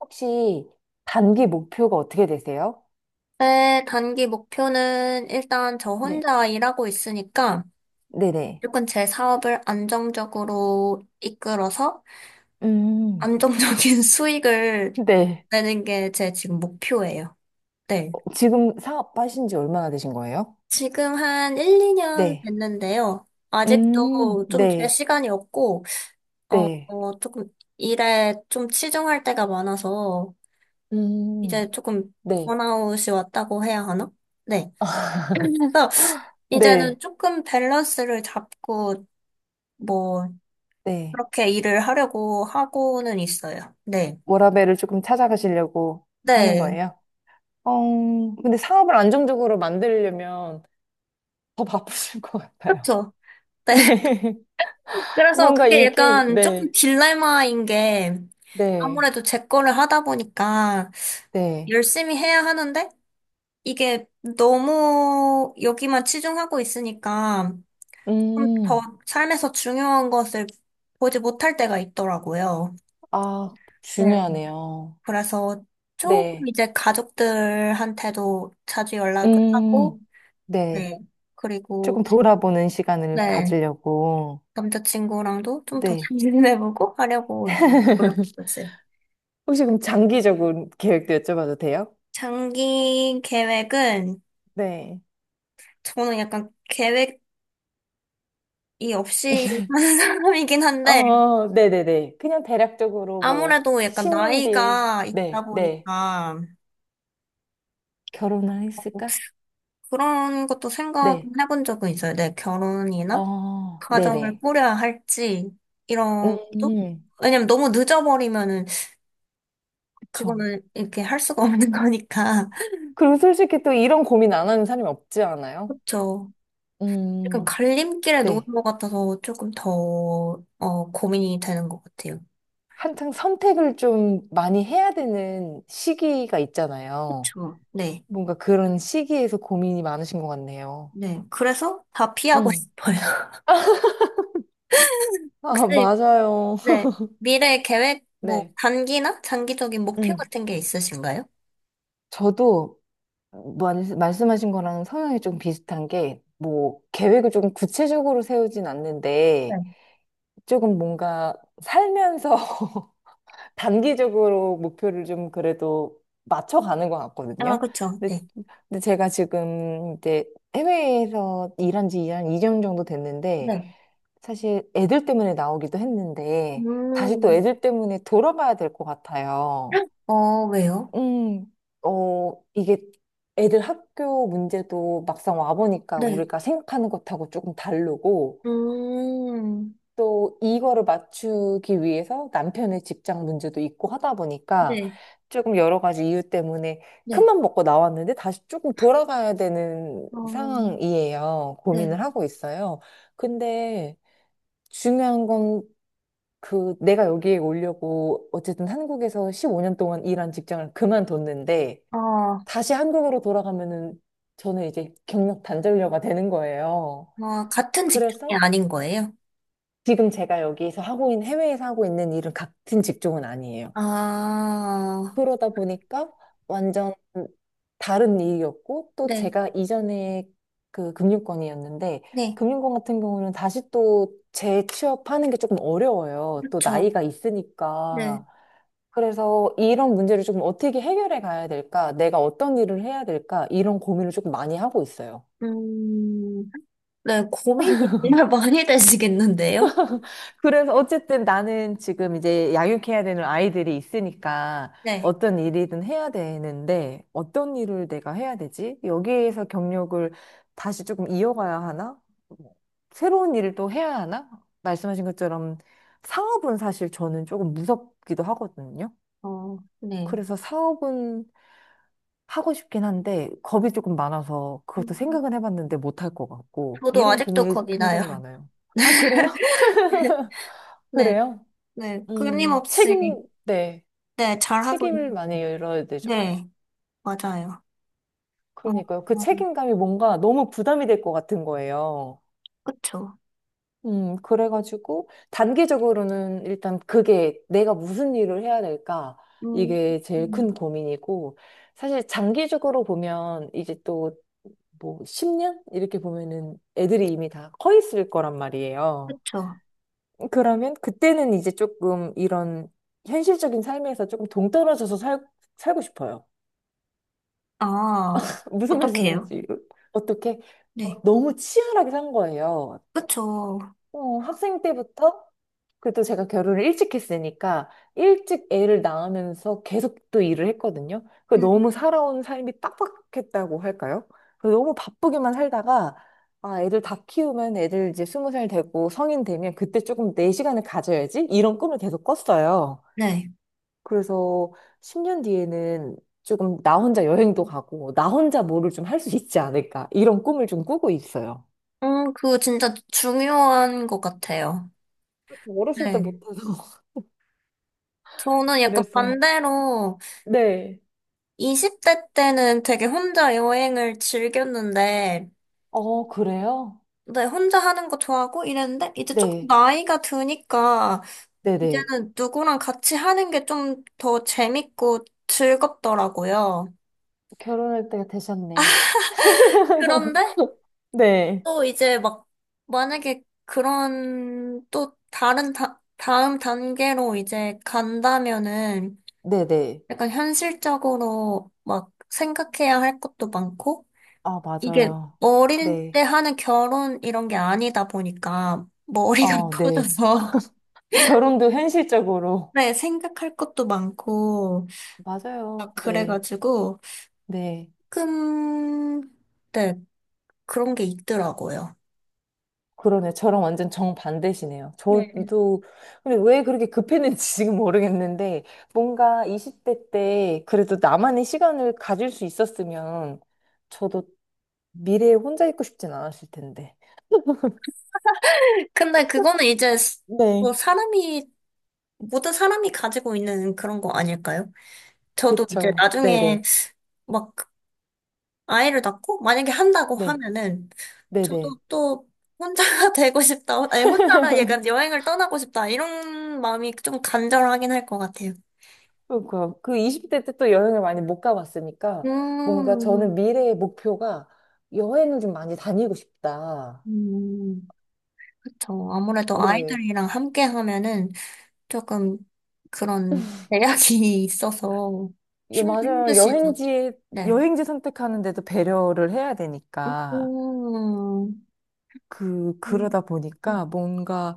혹시 단기 목표가 어떻게 되세요? 제 단기 목표는 일단 저 네. 혼자 일하고 있으니까 네네. 무조건 제 사업을 안정적으로 이끌어서 음, 안정적인 수익을 네. 내는 게 제 지금 목표예요. 네. 지금 사업하신 지 얼마나 되신 거예요? 지금 한 1, 2년 네. 됐는데요. 아직도 좀 제 네, 시간이 없고, 네, 조금 일에 좀 치중할 때가 많아서 음, 이제 조금 네, 번아웃이 왔다고 해야 하나? 네. 그래서 이제는 네. 조금 밸런스를 잡고 뭐 네. 그렇게 일을 하려고 하고는 있어요. 네. 워라밸을 조금 찾아가시려고 하는 네. 거예요. 어, 근데 사업을 안정적으로 만들려면 더 바쁘실 것 같아요. 그렇죠. 네. 네. 그래서 뭔가 그게 이게, 약간 조금 네. 딜레마인 게 네, 아무래도 제 거를 하다 보니까 네. 열심히 해야 하는데 이게 너무 여기만 치중하고 있으니까 좀 더 음, 삶에서 중요한 것을 보지 못할 때가 있더라고요. 아, 네. 중요하네요. 그래서 조금 네, 이제 가족들한테도 자주 연락을 음, 하고, 네. 네. 그리고, 조금 돌아보는 시간을 네. 가지려고. 남자친구랑도 좀 더 네. 잘 지내보고 하려고 이제 노력하고 있어요. 혹시 그럼 장기적인 계획도 여쭤봐도 돼요? 장기 계획은 네. 저는 약간 계획이 없이 사는 사람이긴 한데 어, 네네네. 그냥 대략적으로 뭐, 아무래도 약간 10년 뒤에, 나이가 있다 네, 네. 보니까 결혼을 했을까? 그런 것도 네. 생각해본 적은 있어요. 내 결혼이나 어, 가정을 네네. 꾸려야 할지 이런 것도 음, 왜냐면 너무 늦어버리면은 그쵸. 그거는 이렇게 할 수가 없는 거니까 그리고 솔직히 또 이런 고민 안 하는 사람이 없지 않아요? 그렇죠. 약간 음, 갈림길에 놓은 네. 것 같아서 조금 더, 어, 고민이 되는 것 같아요. 한창 선택을 좀 많이 해야 되는 시기가 있잖아요. 그쵸. 네. 뭔가 그런 시기에서 고민이 많으신 것 같네요. 네. 그래서 다 피하고 음. 싶어요. 아, 혹시, 맞아요. 네. 미래 계획, 뭐, 네. 단기나 장기적인 목표 음. 같은 게 있으신가요? 저도 말씀하신 거랑 성향이 좀 비슷한 게, 뭐, 계획을 좀 구체적으로 세우진 네. 않는데, 조금 뭔가 살면서 단기적으로 목표를 좀 그래도 맞춰가는 것 아, 같거든요. 그쵸. 근데, 네. 제가 지금 이제 해외에서 일한 지 한 2년 정도 됐는데, 네. 사실 애들 때문에 나오기도 했는데, 다시 또 음. 애들 때문에 돌아봐야 될 것 같아요. 어, 왜요? 음, 어, 이게 애들 학교 문제도 막상 와보니까 네. 우리가 생각하는 것하고 조금 다르고, 음. 또 이거를 맞추기 위해서 남편의 직장 문제도 있고 하다 보니까 네. 조금 여러 가지 이유 때문에 네. 큰맘 먹고 나왔는데 다시 조금 돌아가야 되는 어, 상황이에요. 네. 고민을 하고 있어요. 근데 중요한 건 그 내가 여기에 오려고 어쨌든 한국에서 15년 동안 일한 직장을 그만뒀는데 아 다시 한국으로 돌아가면은 저는 이제 경력 단절녀가 되는 거예요. 아 같은 그래서 직종이 아닌 거예요? 지금 제가 여기서 하고 있는, 해외에서 하고 있는 일은 같은 직종은 아니에요. 아, 그러다 보니까 완전 다른 일이었고, 또 네. 제가 이전에 그 금융권이었는데, 네. 금융권 같은 경우는 다시 또 재취업하는 게 조금 어려워요. 또 그렇죠. 나이가 네. 있으니까. 그래서 이런 문제를 조금 어떻게 해결해 가야 될까? 내가 어떤 일을 해야 될까? 이런 고민을 조금 많이 하고 있어요. 음, 네, 고민이 정말 많이 되시겠는데요? 그래서 어쨌든 나는 지금 이제 양육해야 되는 아이들이 있으니까 네. 어떤 일이든 해야 되는데 어떤 일을 내가 해야 되지? 여기에서 경력을 다시 조금 이어가야 하나? 뭐, 새로운 일을 또 해야 하나? 말씀하신 것처럼 사업은 사실 저는 조금 무섭기도 하거든요. 어, 네. 그래서 사업은 하고 싶긴 한데 겁이 조금 많아서 그것도 음, 생각은 해봤는데 못할 것 같고 저도 이런 아직도 고민이 겁이 나요. 굉장히 많아요. 아, 그래요? 네. 그래요? 네. 끊임없이, 책임, 네. 네, 잘하고 책임을 있는. 많이 열어야 되죠. 네. 맞아요. 어, 그러니까요. 그 어, 책임감이 뭔가 너무 부담이 될 것 같은 거예요. 그쵸. 그래가지고, 단기적으로는 일단 그게 내가 무슨 일을 해야 될까? 음, 이게 제일 큰 음, 고민이고, 사실 장기적으로 보면 이제 또 뭐 10년? 이렇게 보면은 애들이 이미 다 커 있을 거란 말이에요. 그쵸. 그러면 그때는 이제 조금 이런 현실적인 삶에서 조금 동떨어져서 살고 싶어요. 아, 무슨 어떡해요? 말씀인지 어떻게 네. 막 너무 치열하게 산 거예요. 그쵸. 어, 학생 때부터 그래도 제가 결혼을 일찍 했으니까 일찍 애를 낳으면서 계속 또 일을 했거든요. 그 음, 너무 살아온 삶이 빡빡했다고 할까요? 그 너무 바쁘게만 살다가 아, 애들 다 키우면 애들 이제 스무 살 되고 성인 되면 그때 조금 내 시간을 가져야지 이런 꿈을 계속 꿨어요. 네. 그래서 10년 뒤에는 조금 나 혼자 여행도 가고, 나 혼자 뭐를 좀 할 수 있지 않을까. 이런 꿈을 좀 꾸고 있어요. 그거 진짜 중요한 것 같아요. 어렸을 때 네. 못해서. 저는 약간 그래서. 반대로 네. 20대 때는 되게 혼자 여행을 즐겼는데, 어, 그래요? 네, 혼자 하는 거 좋아하고 이랬는데, 이제 조금 네. 나이가 드니까, 네네. 이제는 누구랑 같이 하는 게 좀 더 재밌고 즐겁더라고요. 결혼할 때가 되셨네. 그런데 네. 또 이제 막, 만약에 그런 또 다른 다음 단계로 이제 간다면은, 네네. 약간 현실적으로 막 생각해야 할 것도 많고, 아, 이게 맞아요. 어릴 네. 때 하는 결혼 이런 게 아니다 보니까 머리가 어, 네. 커져서 결혼도 현실적으로. 네, 생각할 것도 많고 맞아요. 막 네. 그래가지고 네. 조금 네, 그런 게 있더라고요. 그러네. 저랑 완전 정반대시네요. 네. 저도, 근데 왜 그렇게 급했는지 지금 모르겠는데, 뭔가 20대 때 그래도 나만의 시간을 가질 수 있었으면, 저도 미래에 혼자 있고 싶진 않았을 텐데. 근데 그거는 이제 스- 네. 뭐 사람이 모든 사람이 가지고 있는 그런 거 아닐까요? 저도 이제 그쵸. 나중에 네네. 막 아이를 낳고 만약에 한다고 네. 하면은 저도 네네. 또 혼자가 되고 싶다. 아니 혼자 약간 여행을 떠나고 싶다. 이런 마음이 좀 간절하긴 할 것 같아요. 그러니까 그 20대 때 또 여행을 많이 못 가봤으니까, 뭔가 음, 저는 미래의 목표가 여행을 좀 많이 다니고 싶다. 음, 그쵸. 아무래도 네. 아이들이랑 함께 하면은 조금 그런 제약이 있어서 예, 맞아요. 힘드시죠. 여행지, 네. 여행지 선택하는데도 배려를 해야 되니까. 음, 음, 그러다 음, 보니까 뭔가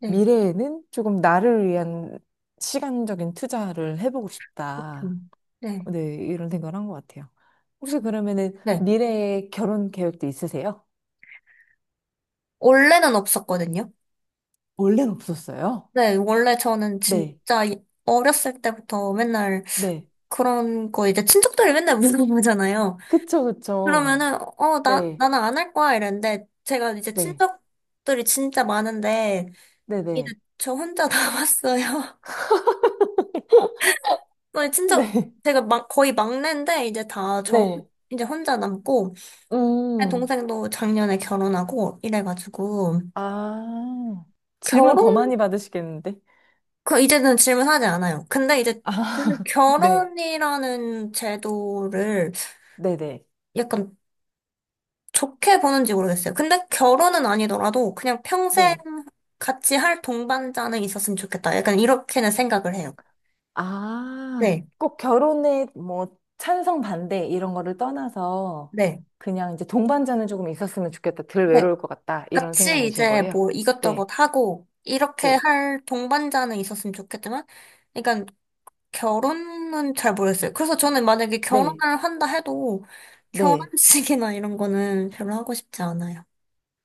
네, 미래에는 조금 나를 위한 시간적인 투자를 해보고 싶다. 좀, 네, 네, 이런 생각을 한 것 같아요. 혹시 좀, 그러면은 네. 미래에 결혼 계획도 있으세요? 원래는 없었거든요. 원래는 없었어요. 네, 원래 저는 네, 진짜 이- 어렸을 때부터 맨날 네. 그런 거 이제 친척들이 맨날 물어보잖아요. 그쵸, 그쵸. 그러면은, 어, 네, 나는 안 할 거야 이랬는데, 제가 이제 네, 친척들이 진짜 많은데, 이제 네네. 저 혼자 남았어요. 저희 친척, 네, 제가 막, 거의 막내인데, 이제 다 저, 네. 이제 혼자 남고, 제 음, 동생도 작년에 결혼하고, 이래가지고, 아. 질문 결혼, 더 많이 받으시겠는데? 그, 이제는 질문하지 않아요. 근데 이제 저는 아, 네. 결혼이라는 제도를 네네. 약간 좋게 보는지 모르겠어요. 근데 결혼은 아니더라도 그냥 평생 네. 같이 할 동반자는 있었으면 좋겠다. 약간 이렇게는 생각을 해요. 아, 네, 꼭 결혼에 뭐 찬성 반대 이런 거를 떠나서 네, 그냥 이제 동반자는 조금 있었으면 좋겠다. 덜 네. 외로울 것 같다. 이런 같이 생각이신 이제 거예요? 뭐 이것저것 네. 하고 이렇게 네. 할 동반자는 있었으면 좋겠지만, 그러니까 결혼은 잘 모르겠어요. 그래서 저는 만약에 네. 결혼을 한다 해도 네. 결혼식이나 이런 거는 별로 하고 싶지 않아요.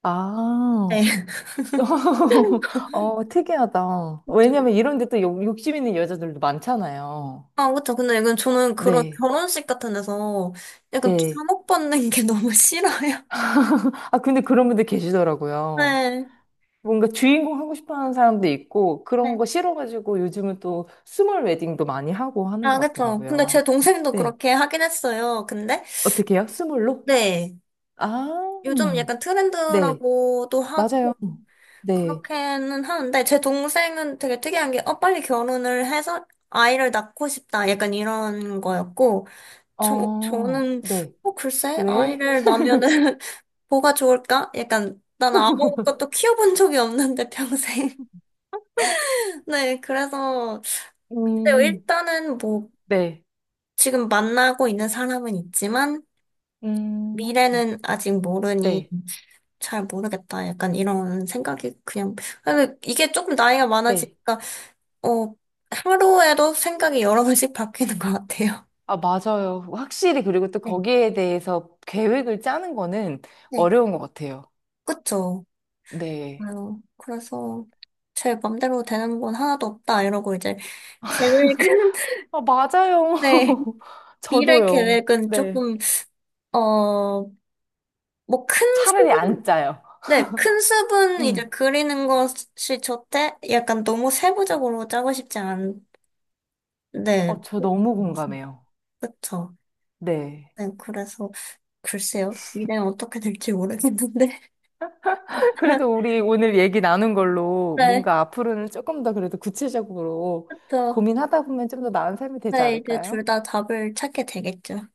아, 네. 어, 특이하다. 왜냐면 이런 데 또 욕심 있는 여자들도 많잖아요. 아, 그쵸. 근데 이건 저는 그런 네. 결혼식 같은 데서 약간 네. 주목받는 게 너무 싫어요. 아, 근데 그런 분들 계시더라고요. 네. 뭔가 주인공 하고 싶어 하는 사람도 있고, 그런 네. 거 싫어가지고 요즘은 또 스몰 웨딩도 많이 하고 하는 아, 것 그쵸. 근데 같더라고요. 제 동생도 네. 그렇게 하긴 했어요. 근데, 어떻게요? 스몰로? 네. 아, 요즘 약간 네. 트렌드라고도 맞아요. 하고, 네. 그렇게는 하는데, 제 동생은 되게 특이한 게, 어, 빨리 결혼을 해서 아이를 낳고 싶다. 약간 이런 거였고, 저, 어, 저는, 네. 어, 글쎄, 왜? 아이를 낳으면은 뭐가 좋을까? 약간, 나는 아무것도 키워본 적이 없는데, 평생. 네, 그래서 근데 음, 일단은 뭐 네. 지금 만나고 있는 사람은 있지만 음, 미래는 아직 모르니 네. 잘 모르겠다. 약간 이런 생각이 그냥 근데 이게 조금 나이가 네. 많아지니까 어 하루에도 생각이 여러 번씩 바뀌는 것 같아요. 아, 맞아요. 확실히 그리고 또 네, 거기에 대해서 계획을 짜는 거는 네, 어려운 것 같아요. 그쵸. 네. 아유, 그래서 제 맘대로 되는 건 하나도 없다 이러고 이제 계획은 아, 맞아요. 네 미래 저도요. 계획은 네. 조금 어뭐큰 차라리 안 짜요. 네, 큰 숲은 이제 음. 그리는 것이 좋대? 약간 너무 세부적으로 짜고 싶지 않, 네, 어, 저 너무 공감해요. 그쵸. 네. 네, 그래서, 글쎄요. 미래는 어떻게 될지 모르겠는데. 그래도 우리 오늘 얘기 나눈 걸로 네, 뭔가 앞으로는 조금 더 그래도 구체적으로 그쵸. 고민하다 보면 좀 더 나은 삶이 되지 네, 이제 않을까요? 둘 다 답을 찾게 되겠죠.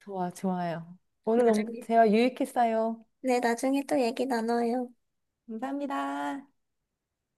좋아, 좋아요. 오늘 너무 나중에. 대화 유익했어요. 네, 나중에 또 얘기 나눠요. 감사합니다.